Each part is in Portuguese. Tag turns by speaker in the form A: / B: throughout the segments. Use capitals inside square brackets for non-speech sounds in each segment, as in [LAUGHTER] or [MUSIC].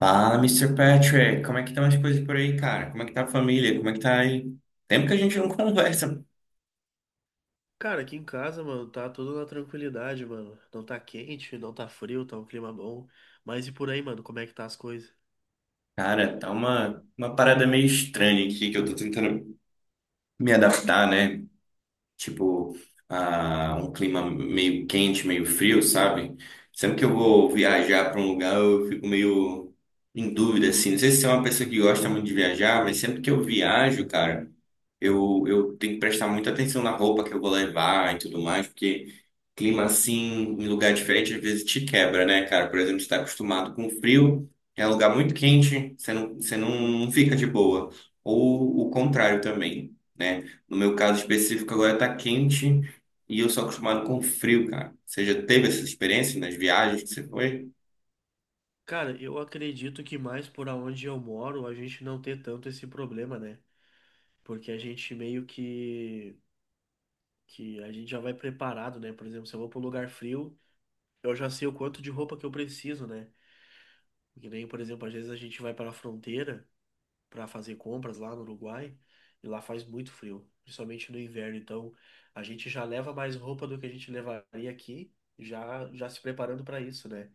A: Fala, Mister Patrick, como é que estão as coisas por aí, cara? Como é que tá a família? Como é que tá aí? Tempo que a gente não [LAUGHS] conversa.
B: Cara, aqui em casa, mano, tá tudo na tranquilidade, mano. Não tá quente, não tá frio, tá um clima bom. Mas e por aí, mano, como é que tá as coisas?
A: Cara, tá uma parada meio estranha aqui que eu tô tentando me adaptar, né? Tipo, a um clima meio quente, meio frio, sabe? Sempre que eu vou viajar pra um lugar, eu fico meio em dúvida, assim. Não sei se você é uma pessoa que gosta muito de viajar, mas sempre que eu viajo, cara. Eu tenho que prestar muita atenção na roupa que eu vou levar e tudo mais, porque clima assim, em lugar diferente, às vezes te quebra, né, cara? Por exemplo, você está acostumado com frio, é um lugar muito quente, você não, não fica de boa. Ou o contrário também, né? No meu caso específico, agora tá quente e eu sou acostumado com frio, cara. Você já teve essa experiência nas viagens que você foi?
B: Cara, eu acredito que mais por aonde eu moro, a gente não ter tanto esse problema, né? Porque a gente meio que a gente já vai preparado, né? Por exemplo, se eu vou para um lugar frio, eu já sei o quanto de roupa que eu preciso, né? Que nem, por exemplo, às vezes a gente vai para a fronteira para fazer compras lá no Uruguai e lá faz muito frio, principalmente no inverno. Então a gente já leva mais roupa do que a gente levaria aqui, já já se preparando para isso, né?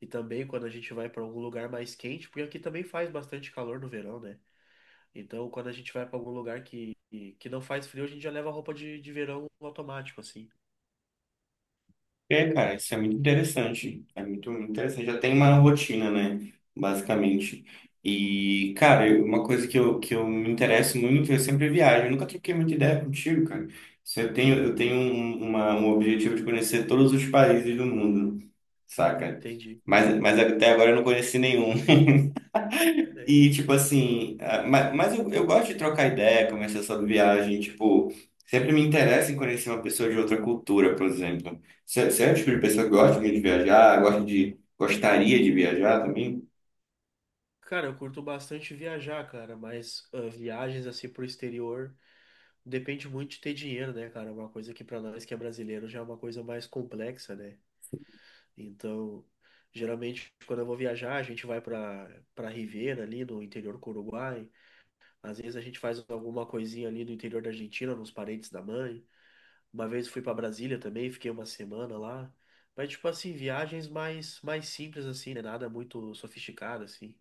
B: E também quando a gente vai para algum lugar mais quente, porque aqui também faz bastante calor no verão, né? Então quando a gente vai para algum lugar que não faz frio, a gente já leva roupa de verão automático, assim.
A: É, cara, isso é muito interessante. É muito interessante. Já tem uma rotina, né? Basicamente. E, cara, uma coisa que eu me interesso muito, eu sempre viajo. Eu nunca troquei muita ideia contigo, cara. Se eu tenho um objetivo de conhecer todos os países do mundo, saca?
B: Entendi.
A: Mas até agora eu não conheci nenhum.
B: É.
A: E, tipo assim, ah, mas eu gosto de trocar ideia, conversar sobre viagem, tipo, sempre me interessa em conhecer uma pessoa de outra cultura, por exemplo. Você é o tipo de pessoa que gosta de viajar, gosta de, gostaria de viajar também?
B: Cara, eu curto bastante viajar, cara, mas viagens assim pro exterior. Depende muito de ter dinheiro, né, cara? Uma coisa que pra nós que é brasileiro já é uma coisa mais complexa, né? Então, geralmente quando eu vou viajar, a gente vai pra para Ribeira ali no interior do Uruguai. Às vezes a gente faz alguma coisinha ali no interior da Argentina, nos parentes da mãe. Uma vez fui pra Brasília também, fiquei uma semana lá. Mas tipo assim, viagens mais simples assim, né? Nada muito sofisticado assim.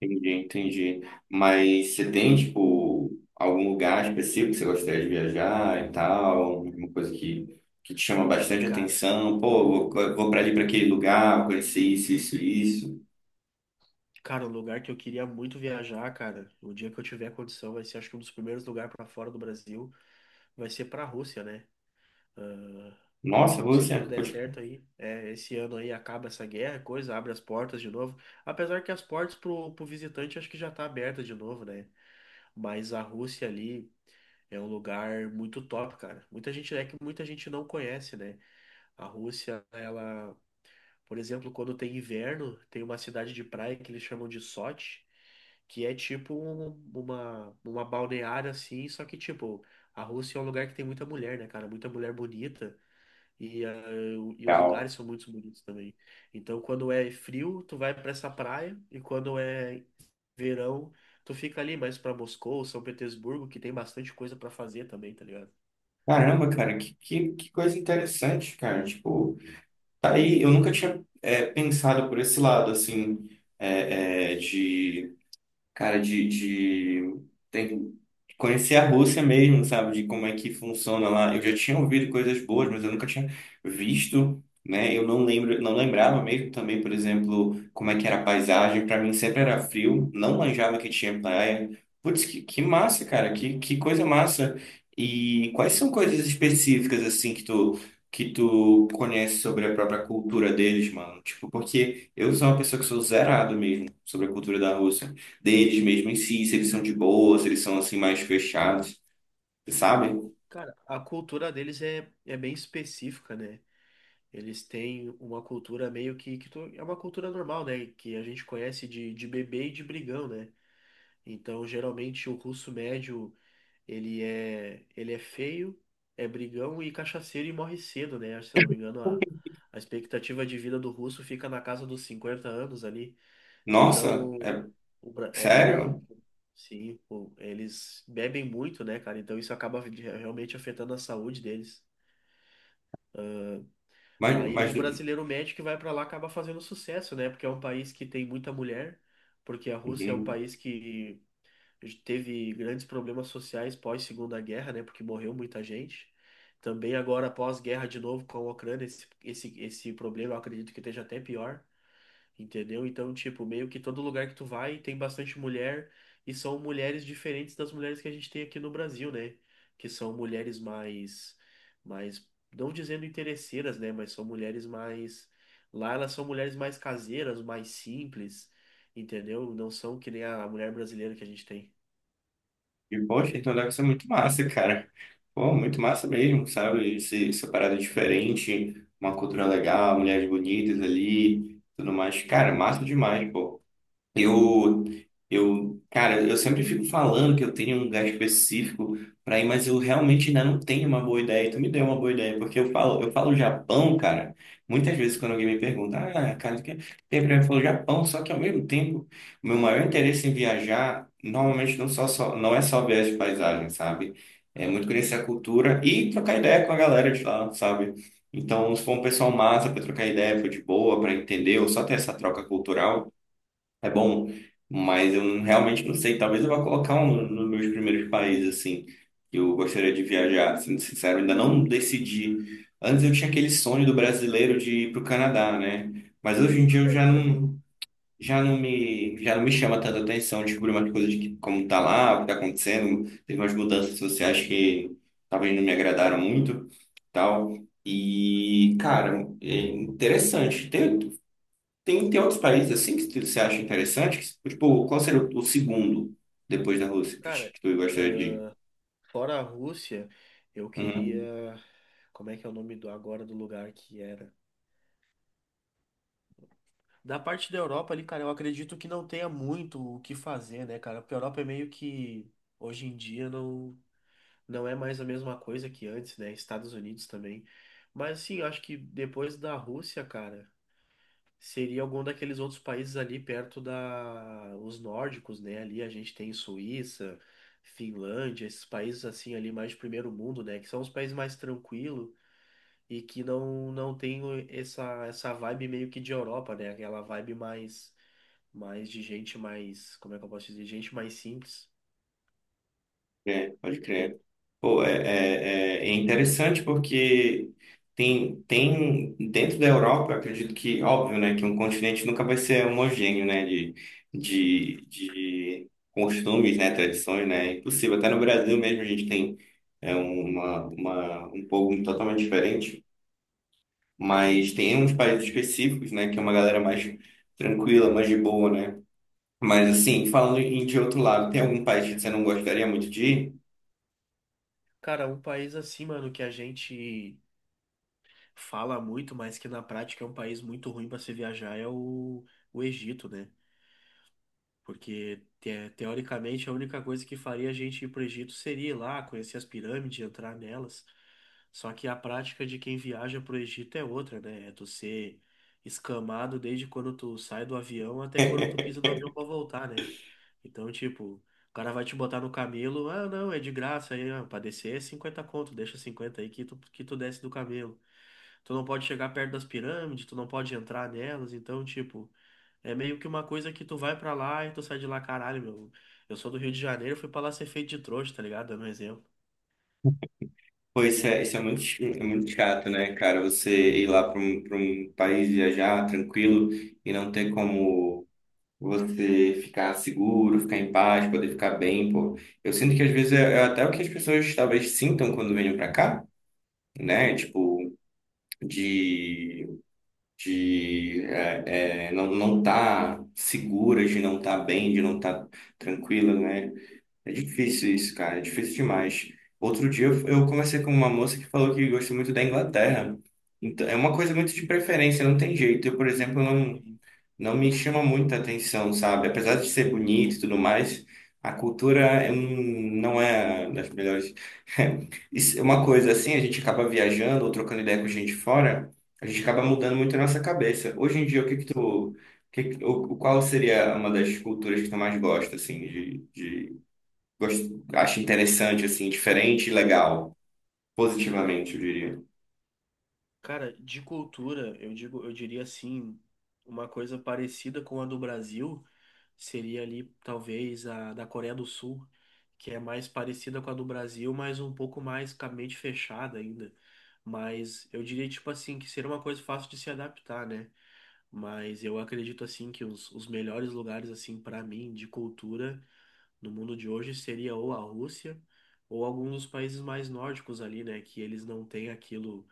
A: Entendi, entendi. Mas você tem, tipo, algum lugar específico que você gostaria de viajar e tal, alguma coisa que te chama bastante
B: Cara,
A: atenção? Pô, vou pra ali, pra aquele lugar, vou conhecer isso, isso, isso.
B: cara, um lugar que eu queria muito viajar, cara, o dia que eu tiver condição, vai ser acho que um dos primeiros lugares pra fora do Brasil vai ser para a Rússia, né?
A: Nossa,
B: Se
A: você,
B: tudo der
A: pode...
B: certo aí, é, esse ano aí acaba essa guerra, coisa, abre as portas de novo. Apesar que as portas pro visitante acho que já tá aberta de novo, né? Mas a Rússia ali é um lugar muito top, cara. Muita gente não conhece, né? A Rússia, ela, por exemplo, quando tem inverno, tem uma cidade de praia que eles chamam de Sochi que é tipo uma balneária assim, só que tipo, a Rússia é um lugar que tem muita mulher, né, cara? Muita mulher bonita. E, ah, e os lugares são muito bonitos também. Então, quando é frio, tu vai para essa praia, e quando é verão, tu fica ali mais para Moscou, São Petersburgo, que tem bastante coisa para fazer também, tá ligado?
A: Caramba, cara, que coisa interessante, cara. Tipo, tá aí, eu nunca tinha pensado por esse lado, assim, de cara, de tem- que conhecer a Rússia mesmo, sabe? De como é que funciona lá. Eu já tinha ouvido coisas boas, mas eu nunca tinha visto, né? Eu não lembro, não lembrava mesmo também, por exemplo, como é que era a paisagem. Para mim sempre era frio, não manjava que tinha praia. Putz, que massa, cara, que coisa massa. E quais são coisas específicas, assim, que tu. Que tu conhece sobre a própria cultura deles, mano. Tipo, porque eu sou uma pessoa que sou zerado mesmo sobre a cultura da Rússia deles mesmo em si, se eles são de boa, se eles são assim mais fechados, sabe?
B: Cara, a cultura deles é bem específica, né? Eles têm uma cultura meio que, é uma cultura normal, né? Que a gente conhece de bebê e de brigão, né? Então, geralmente, o russo médio. Ele é feio, é brigão e cachaceiro e morre cedo, né? Se eu não me engano, a expectativa de vida do russo fica na casa dos 50 anos ali.
A: Nossa,
B: Então,
A: é
B: o, Bra- é,
A: sério?
B: sim, eles bebem muito, né, cara? Então isso acaba realmente afetando a saúde deles.
A: Mas,
B: Aí
A: mas
B: o brasileiro médio que vai pra lá acaba fazendo sucesso, né? Porque é um país que tem muita mulher, porque a Rússia é um
A: uhum.
B: país que teve grandes problemas sociais pós Segunda Guerra, né? Porque morreu muita gente. Também agora pós-guerra de novo com a Ucrânia, esse problema eu acredito que esteja até pior, entendeu? Então, tipo, meio que todo lugar que tu vai tem bastante mulher e são mulheres diferentes das mulheres que a gente tem aqui no Brasil, né? Que são mulheres mais, não dizendo interesseiras, né? Mas são mulheres mais, lá elas são mulheres mais caseiras, mais simples, entendeu? Não são que nem a mulher brasileira que a gente tem.
A: E poxa, então deve ser muito massa, cara. Pô, muito massa mesmo, sabe? Essa parada diferente, uma cultura legal, mulheres bonitas ali, tudo mais. Cara, massa demais, pô. Eu, cara, eu sempre fico falando que eu tenho um lugar específico para ir, mas eu realmente ainda não tenho uma boa ideia. E tu me deu uma boa ideia, porque eu falo Japão, cara. Muitas vezes quando alguém me pergunta, ah, cara, o que tem pra mim? Eu falo Japão, só que ao mesmo tempo, o meu maior interesse em viajar, normalmente só não é só ver as paisagens, sabe? É muito conhecer a cultura e trocar ideia com a galera de lá, sabe? Então, se for um pessoal massa para trocar ideia, for de boa, para entender, ou só ter essa troca cultural é bom, mas eu não- realmente não sei. Talvez eu vá colocar nos meus primeiros países, assim, que eu gostaria de viajar. Sendo sincero, ainda não decidi. Antes eu tinha aquele sonho do brasileiro de ir para o Canadá, né? Mas hoje em dia eu
B: É, eu também.
A: já não me chama tanta atenção descobrir umas coisas como tá lá, o que tá acontecendo. Teve umas mudanças sociais que talvez não me agradaram muito, tal. E, cara, é interessante. Tem outros países assim que você acha interessante? Que, tipo, qual seria o segundo depois da Rússia pra ti,
B: Cara,
A: que tu gostaria de ir?
B: fora a Rússia, eu queria.
A: Uhum.
B: Como é que é o nome do agora do lugar que era? Da parte da Europa ali, cara, eu acredito que não tenha muito o que fazer, né, cara? Porque a Europa é meio que hoje em dia não é mais a mesma coisa que antes, né? Estados Unidos também. Mas assim, eu acho que depois da Rússia, cara. Seria algum daqueles outros países ali perto da os nórdicos, né? Ali a gente tem Suíça, Finlândia, esses países assim ali mais de primeiro mundo, né? Que são os países mais tranquilos e que não tem essa essa vibe meio que de Europa, né? Aquela vibe mais mais de gente mais, como é que eu posso dizer? Gente mais simples.
A: É, pode crer. Pô, é é interessante porque tem dentro da Europa, eu acredito que, óbvio, né, que um continente nunca vai ser homogêneo, né,
B: Sim.
A: de costumes, né, tradições, né, é impossível. Até no Brasil mesmo a gente tem um povo totalmente diferente. Mas tem uns países específicos, né, que é uma galera mais tranquila, mais de boa, né? Mas assim, falando em de outro lado, tem algum país que você não gostaria muito de ir?
B: Cara, um país assim, mano, que a gente fala muito, mas que na prática é um país muito ruim para se viajar é o Egito, né? Porque, teoricamente, a única coisa que faria a gente ir para o Egito seria ir lá, conhecer as pirâmides, entrar nelas. Só que a prática de quem viaja para o Egito é outra, né? É tu ser escamado desde quando tu sai do avião até quando tu pisa no avião para
A: [LAUGHS]
B: voltar, né? Então, tipo, o cara vai te botar no camelo, ah, não, é de graça, aí, ah, pra descer é 50 conto, deixa 50 aí que tu desce do camelo. Tu não pode chegar perto das pirâmides, tu não pode entrar nelas, então, tipo. É meio que uma coisa que tu vai pra lá e tu sai de lá, caralho, meu. Eu sou do Rio de Janeiro, fui pra lá ser feito de trouxa, tá ligado? Dando um exemplo.
A: Pô, isso é muito, é muito chato, né, cara? Você ir lá para para um país viajar tranquilo e não ter como você ficar seguro, ficar em paz, poder ficar bem, pô. Eu sinto que às vezes é até o que as pessoas talvez sintam quando venham para cá, né? Tipo, de não não tá segura, de não tá bem, de não tá tranquila, né? É difícil isso, cara, é difícil demais. Outro dia eu conversei com uma moça que falou que gosta muito da Inglaterra. Então, é uma coisa muito de preferência, não tem jeito. Eu, por exemplo,
B: Sim,
A: não me chama muita atenção, sabe? Apesar de ser bonito e tudo mais, a cultura é não é das melhores. [LAUGHS] Isso é uma coisa assim, a gente acaba viajando ou trocando ideia com gente fora, a gente acaba mudando muito a nossa cabeça. Hoje em dia, o que que
B: sim.
A: tu, o que que- o- qual seria uma das culturas que tu mais gosta, assim, de acha interessante, assim, diferente e legal, positivamente, eu diria.
B: Cara, de cultura, eu diria assim, uma coisa parecida com a do Brasil seria ali talvez a da Coreia do Sul, que é mais parecida com a do Brasil, mas um pouco mais com a mente fechada ainda. Mas eu diria tipo assim que seria uma coisa fácil de se adaptar, né? Mas eu acredito assim que os melhores lugares assim para mim de cultura no mundo de hoje seria ou a Rússia ou alguns dos países mais nórdicos ali, né, que eles não têm aquilo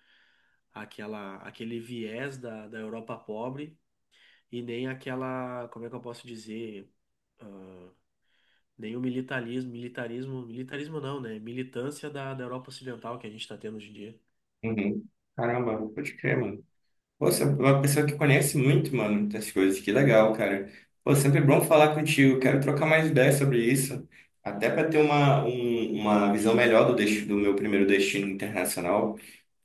B: aquela aquele viés da Europa pobre e nem aquela, como é que eu posso dizer, nem o militarismo, não, né, militância da Europa Ocidental que a gente está tendo hoje em dia.
A: Uhum. Caramba, pode crer, mano. Pô, você é uma pessoa que conhece muito, mano, muitas coisas. Que legal, cara. Pô, sempre é bom falar contigo. Quero trocar mais ideias sobre isso. Até para ter uma visão melhor do, destino, do meu primeiro destino internacional.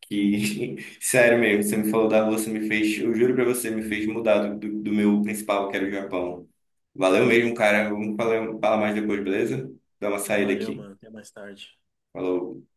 A: Que, [LAUGHS] sério mesmo, você me falou da Rússia, me fez, eu juro pra você, me fez mudar do meu principal, que era o Japão. Valeu
B: É,
A: mesmo, cara. Vamos falar mais depois, beleza? Dá uma saída
B: valeu,
A: aqui.
B: mano, até mais tarde.
A: Falou.